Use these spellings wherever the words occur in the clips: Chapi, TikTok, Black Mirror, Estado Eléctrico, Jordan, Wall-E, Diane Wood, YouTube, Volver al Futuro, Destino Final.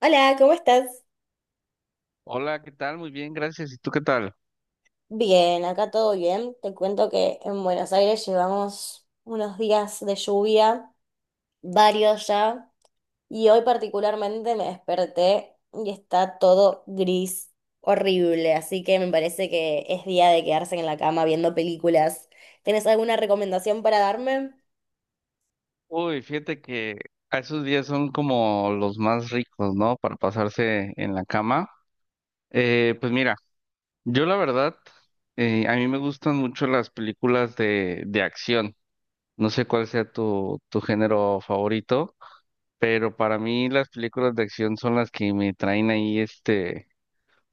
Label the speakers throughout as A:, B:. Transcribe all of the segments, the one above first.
A: Hola, ¿cómo estás?
B: Hola, ¿qué tal? Muy bien, gracias. ¿Y tú qué tal?
A: Bien, acá todo bien. Te cuento que en Buenos Aires llevamos unos días de lluvia, varios ya, y hoy particularmente me desperté y está todo gris, horrible, así que me parece que es día de quedarse en la cama viendo películas. ¿Tienes alguna recomendación para darme?
B: Uy, fíjate que a esos días son como los más ricos, ¿no? Para pasarse en la cama. Pues mira, yo la verdad, a mí me gustan mucho las películas de acción. No sé cuál sea tu género favorito, pero para mí las películas de acción son las que me traen ahí, este,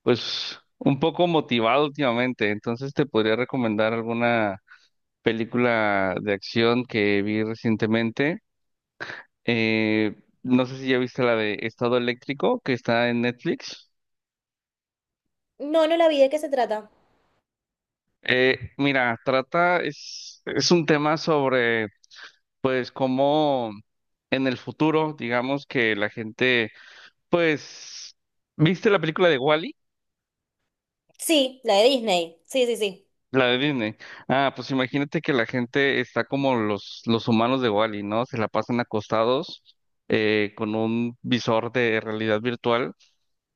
B: pues, un poco motivado últimamente. Entonces te podría recomendar alguna película de acción que vi recientemente. Eh, no sé si ya viste la de Estado Eléctrico que está en Netflix.
A: No, no la vi, ¿de qué se trata?
B: Mira, trata, es un tema sobre, pues, cómo en el futuro, digamos que la gente, pues, ¿viste la película de Wall-E?
A: Sí, la de Disney. Sí, sí, sí.
B: La de Disney. Ah, pues imagínate que la gente está como los humanos de Wall-E, ¿no? Se la pasan acostados con un visor de realidad virtual,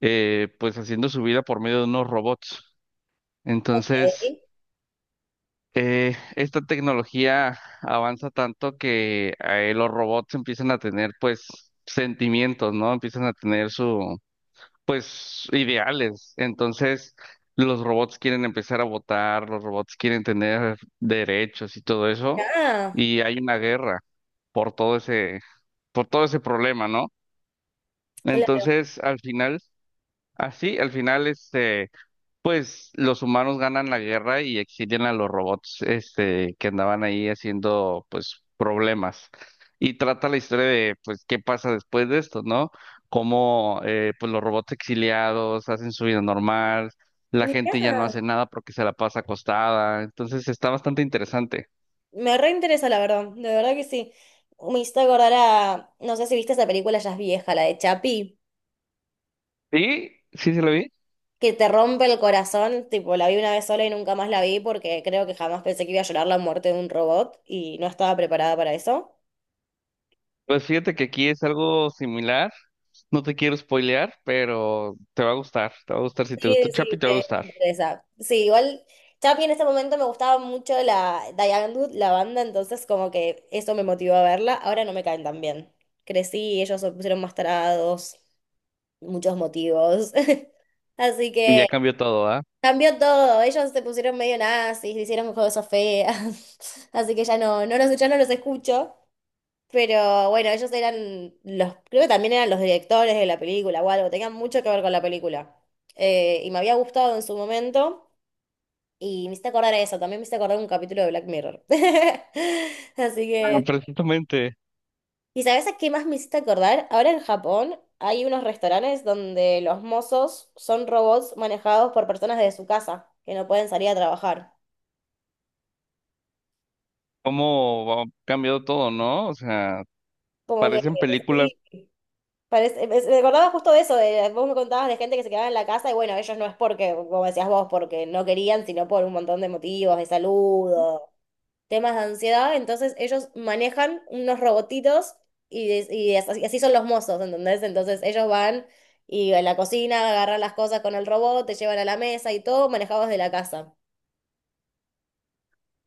B: pues haciendo su vida por medio de unos robots.
A: Ok.
B: Entonces, esta tecnología avanza tanto que los robots empiezan a tener pues sentimientos, ¿no? Empiezan a tener su pues ideales. Entonces, los robots quieren empezar a votar, los robots quieren tener derechos y todo eso,
A: Ah,
B: y hay una guerra por todo ese por todo ese problema, ¿no?
A: claro.
B: Entonces, al final, así, al final este pues los humanos ganan la guerra y exilian a los robots, este, que andaban ahí haciendo, pues, problemas. Y trata la historia de, pues, qué pasa después de esto, ¿no? Cómo, pues, los robots exiliados hacen su vida normal, la gente ya no
A: Mirá.
B: hace nada porque se la pasa acostada. Entonces está bastante interesante.
A: Me reinteresa, la verdad, de verdad que sí. Me hizo acordar a, no sé si viste esa película, ya es vieja, la de Chapi,
B: Sí, ¿sí se lo vi?
A: que te rompe el corazón, tipo, la vi una vez sola y nunca más la vi porque creo que jamás pensé que iba a llorar la muerte de un robot y no estaba preparada para eso.
B: Pues fíjate que aquí es algo similar. No te quiero spoilear, pero te va a gustar. Te va a gustar. Si te
A: Sí,
B: gustó Chapi,
A: sí,
B: te va a
A: me
B: gustar.
A: interesa. Sí, igual Chapi en ese momento me gustaba mucho la Diane Wood, la banda, entonces como que eso me motivó a verla. Ahora no me caen tan bien. Crecí, ellos se pusieron más tarados, muchos motivos. Así
B: Y ya
A: que...
B: cambió todo, ¿ah?
A: Cambió todo, ellos se pusieron medio nazis, hicieron cosas feas, así que ya no, ya no los escucho, pero bueno, ellos eran los, creo que también eran los directores de la película o algo, tenían mucho que ver con la película. Y me había gustado en su momento, y me hice acordar a eso, también me hice acordar un capítulo de Black Mirror. Así
B: Ah,
A: que,
B: precisamente,
A: ¿y sabes a qué más me hiciste acordar? Ahora en Japón hay unos restaurantes donde los mozos son robots manejados por personas de su casa, que no pueden salir a trabajar.
B: cómo ha cambiado todo, ¿no? O sea,
A: Como que
B: parecen películas,
A: sí, parece, me acordaba justo de eso, de, vos me contabas de gente que se quedaba en la casa y bueno, ellos no es porque, como decías vos, porque no querían, sino por un montón de motivos, de salud o temas de ansiedad, entonces ellos manejan unos robotitos y, y así son los mozos, ¿entendés? Entonces ellos van y en la cocina agarran las cosas con el robot, te llevan a la mesa y todo manejados de la casa.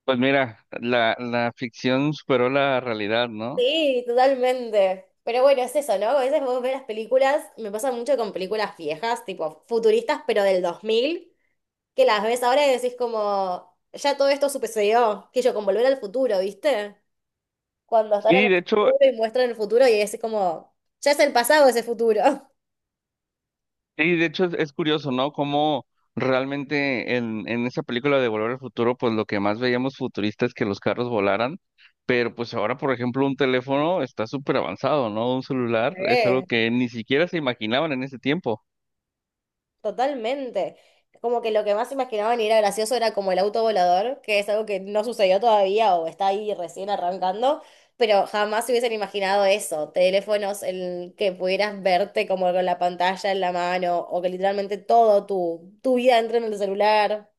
B: pues mira, la ficción superó la realidad, ¿no?
A: Sí, totalmente. Pero bueno, es eso, ¿no? A veces vos ves las películas, me pasa mucho con películas viejas, tipo futuristas, pero del 2000 que las ves ahora y decís como, ya todo esto sucedió, que yo con Volver al Futuro, ¿viste? Cuando están en
B: Y
A: el
B: de hecho,
A: futuro y muestran el futuro y es como, ya es el pasado ese futuro.
B: es curioso, ¿no? Cómo realmente en esa película de Volver al Futuro, pues lo que más veíamos futurista es que los carros volaran, pero pues ahora, por ejemplo, un teléfono está súper avanzado, ¿no? Un celular es algo
A: Sí.
B: que ni siquiera se imaginaban en ese tiempo.
A: Totalmente. Como que lo que más imaginaban y era gracioso era como el auto volador, que es algo que no sucedió todavía o está ahí recién arrancando, pero jamás se hubiesen imaginado eso. Teléfonos en que pudieras verte como con la pantalla en la mano o que literalmente todo tu vida entra en el celular.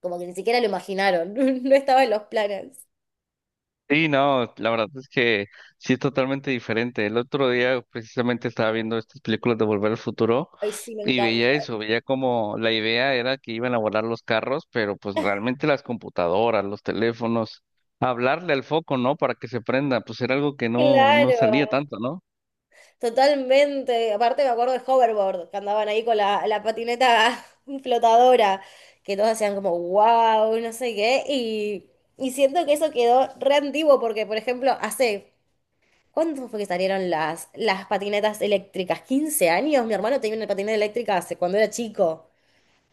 A: Como que ni siquiera lo imaginaron. No estaba en los planes.
B: Sí, no, la verdad es que sí es totalmente diferente. El otro día precisamente estaba viendo estas películas de Volver al Futuro
A: Ay, sí, me
B: y
A: encanta.
B: veía eso, veía como la idea era que iban a volar los carros, pero pues realmente las computadoras, los teléfonos, hablarle al foco, ¿no? Para que se prenda, pues era algo que no
A: Claro.
B: salía tanto, ¿no?
A: Totalmente, aparte me acuerdo de hoverboard, que andaban ahí con la patineta flotadora, que todos hacían como wow, no sé qué, y siento que eso quedó re antiguo porque, por ejemplo, hace, ¿cuánto fue que salieron las patinetas eléctricas? ¿15 años? Mi hermano tenía una patineta eléctrica hace cuando era chico,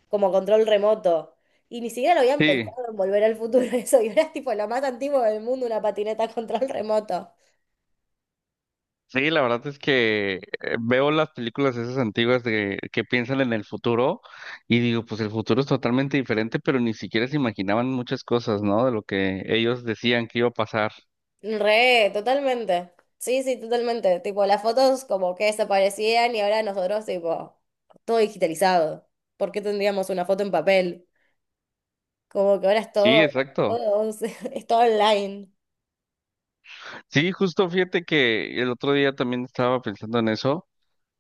A: como control remoto, y ni siquiera lo habían pensado
B: Sí.
A: en volver al futuro eso, y ahora es tipo lo más antiguo del mundo, una patineta a control remoto.
B: Sí, la verdad es que veo las películas esas antiguas de que piensan en el futuro y digo, pues el futuro es totalmente diferente, pero ni siquiera se imaginaban muchas cosas, ¿no? De lo que ellos decían que iba a pasar.
A: Re, totalmente. Sí, sí, totalmente. Tipo, las fotos como que desaparecían y ahora nosotros, tipo, todo digitalizado. ¿Por qué tendríamos una foto en papel? Como que ahora es
B: Sí,
A: todo,
B: exacto.
A: todo, es todo online.
B: Sí, justo fíjate que el otro día también estaba pensando en eso.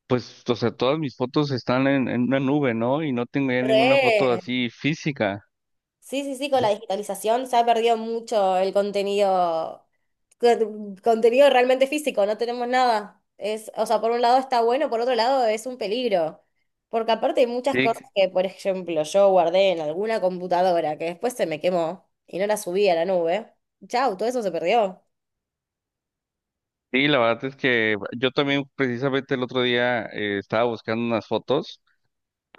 B: Pues, o sea, todas mis fotos están en una nube, ¿no? Y no tengo ya ninguna foto
A: Re.
B: así física.
A: Sí, sí, sí, con la digitalización se ha perdido mucho el contenido contenido realmente físico, no tenemos nada. Es, o sea, por un lado está bueno, por otro lado es un peligro. Porque aparte hay muchas cosas
B: Sí,
A: que, por ejemplo, yo guardé en alguna computadora que después se me quemó y no la subí a la nube. Chau, todo eso se perdió.
B: sí, la verdad es que yo también precisamente el otro día estaba buscando unas fotos.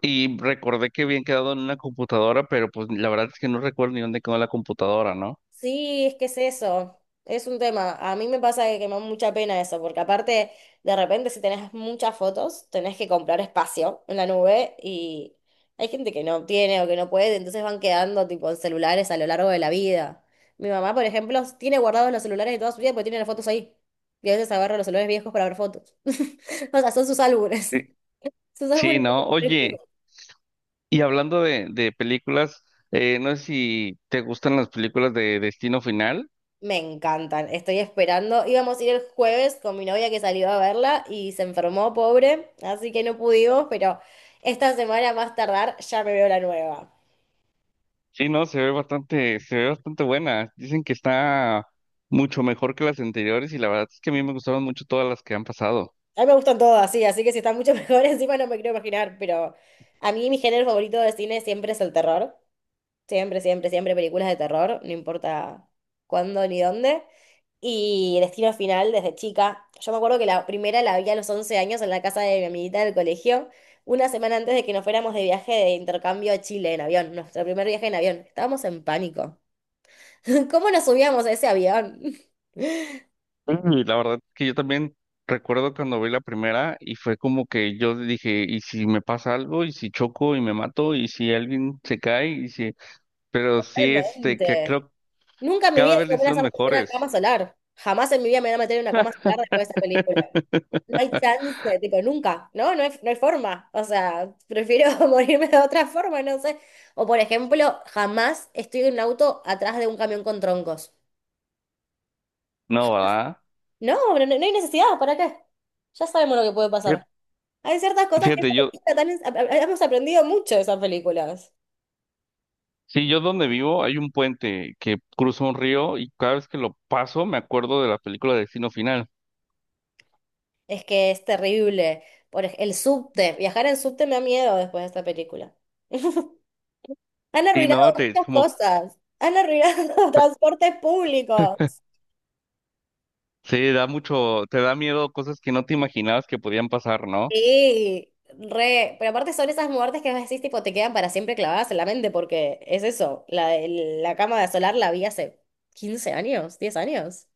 B: Y recordé que habían quedado en una computadora, pero pues la verdad es que no recuerdo ni dónde quedó la computadora, ¿no?
A: Sí, es que es eso, es un tema. A mí me pasa que me da mucha pena eso, porque aparte, de repente si tenés muchas fotos, tenés que comprar espacio en la nube y hay gente que no tiene o que no puede, entonces van quedando tipo en celulares a lo largo de la vida. Mi mamá, por ejemplo, tiene guardados los celulares de toda su vida porque tiene las fotos ahí. Y a veces agarra los celulares viejos para ver fotos. O sea, son sus álbumes.
B: Eh,
A: Sus álbumes.
B: Sí, ¿no? Oye, y hablando de películas, no sé si te gustan las películas de Destino Final.
A: Me encantan, estoy esperando. Íbamos a ir el jueves con mi novia que salió a verla y se enfermó, pobre, así que no pudimos, pero esta semana más tardar ya me veo la nueva.
B: Sí, no, se ve bastante buena. Dicen que está mucho mejor que las anteriores y la verdad es que a mí me gustaron mucho todas las que han pasado.
A: A mí me gustan todas, sí, así que si está mucho mejor encima no me quiero imaginar, pero a mí mi género favorito de cine siempre es el terror. Siempre, siempre, siempre películas de terror, no importa cuándo ni dónde. Y Destino Final desde chica. Yo me acuerdo que la primera la vi a los 11 años en la casa de mi amiguita del colegio, una semana antes de que nos fuéramos de viaje de intercambio a Chile en avión, nuestro primer viaje en avión. Estábamos en pánico. ¿Cómo nos subíamos a ese avión?
B: Y la verdad es que yo también recuerdo cuando vi la primera y fue como que yo dije, ¿y si me pasa algo? ¿Y si choco y me mato? ¿Y si alguien se cae? ¿Y si... Pero sí, este, que
A: Realmente
B: creo que
A: nunca en mi
B: cada
A: vida
B: vez le
A: iba a
B: hicieron
A: hacer una cama
B: mejores.
A: solar. Jamás en mi vida me voy a meter en una cama solar después de esa película. No hay chance, tipo, nunca, ¿no? No hay, no hay forma. O sea, prefiero morirme de otra forma, no sé. O por ejemplo, jamás estoy en un auto atrás de un camión con troncos.
B: No, ¿verdad?
A: No, no, no hay necesidad, ¿para qué? Ya sabemos lo que puede pasar.
B: Fíjate,
A: Hay ciertas cosas que
B: fíjate,
A: esa
B: yo,
A: película tan es- a- hemos aprendido mucho de esas películas.
B: sí, yo donde vivo hay un puente que cruza un río y cada vez que lo paso me acuerdo de la película Destino Final.
A: Es que es terrible. El subte, viajar en subte me da miedo después de esta película. Han
B: Y
A: arruinado
B: no, te,
A: muchas
B: como,
A: cosas. Han arruinado transportes públicos.
B: sí, da mucho, te da miedo cosas que no te imaginabas que podían pasar, ¿no?
A: Sí, re, pero aparte son esas muertes que vos decís, tipo, te quedan para siempre clavadas en la mente, porque es eso, la, la cama solar la vi hace 15 años, 10 años.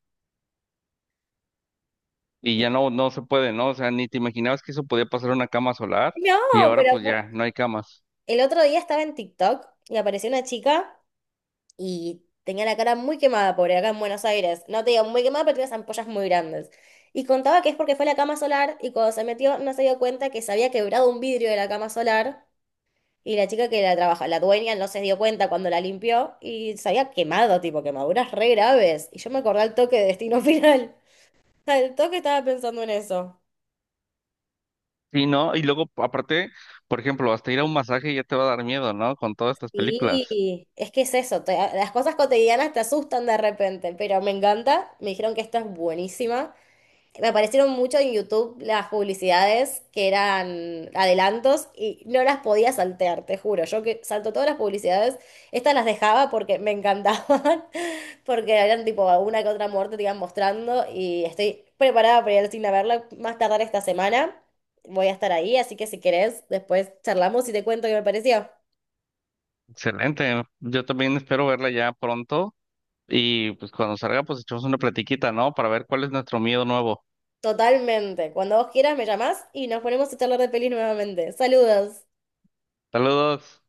B: Y
A: Y
B: ya no, se puede, ¿no? O sea, ni te imaginabas que eso podía pasar en una cama solar y
A: no,
B: ahora
A: pero
B: pues
A: aparte,
B: ya no hay camas.
A: el otro día estaba en TikTok y apareció una chica y tenía la cara muy quemada, pobre, acá en Buenos Aires. No te digo muy quemada, pero tenía unas ampollas muy grandes. Y contaba que es porque fue a la cama solar y cuando se metió no se dio cuenta que se había quebrado un vidrio de la cama solar. Y la chica que la trabaja, la dueña, no se dio cuenta cuando la limpió y se había quemado, tipo, quemaduras re graves. Y yo me acordé al toque de Destino Final. Al toque estaba pensando en eso.
B: Sí, ¿no? Y luego, aparte, por ejemplo, hasta ir a un masaje ya te va a dar miedo, ¿no? Con todas estas películas.
A: Y es que es eso, te, las cosas cotidianas te asustan de repente, pero me encanta. Me dijeron que esta es buenísima. Me aparecieron mucho en YouTube las publicidades que eran adelantos y no las podía saltear, te juro. Yo que salto todas las publicidades, estas las dejaba porque me encantaban, porque eran tipo una que otra muerte te iban mostrando y estoy preparada para ir al cine a verla más tardar esta semana. Voy a estar ahí, así que si querés, después charlamos y te cuento qué me pareció.
B: Excelente. Yo también espero verla ya pronto y pues cuando salga pues echamos una platiquita, ¿no? Para ver cuál es nuestro miedo nuevo.
A: Totalmente. Cuando vos quieras me llamás y nos ponemos a charlar de pelis nuevamente. Saludos.
B: Saludos.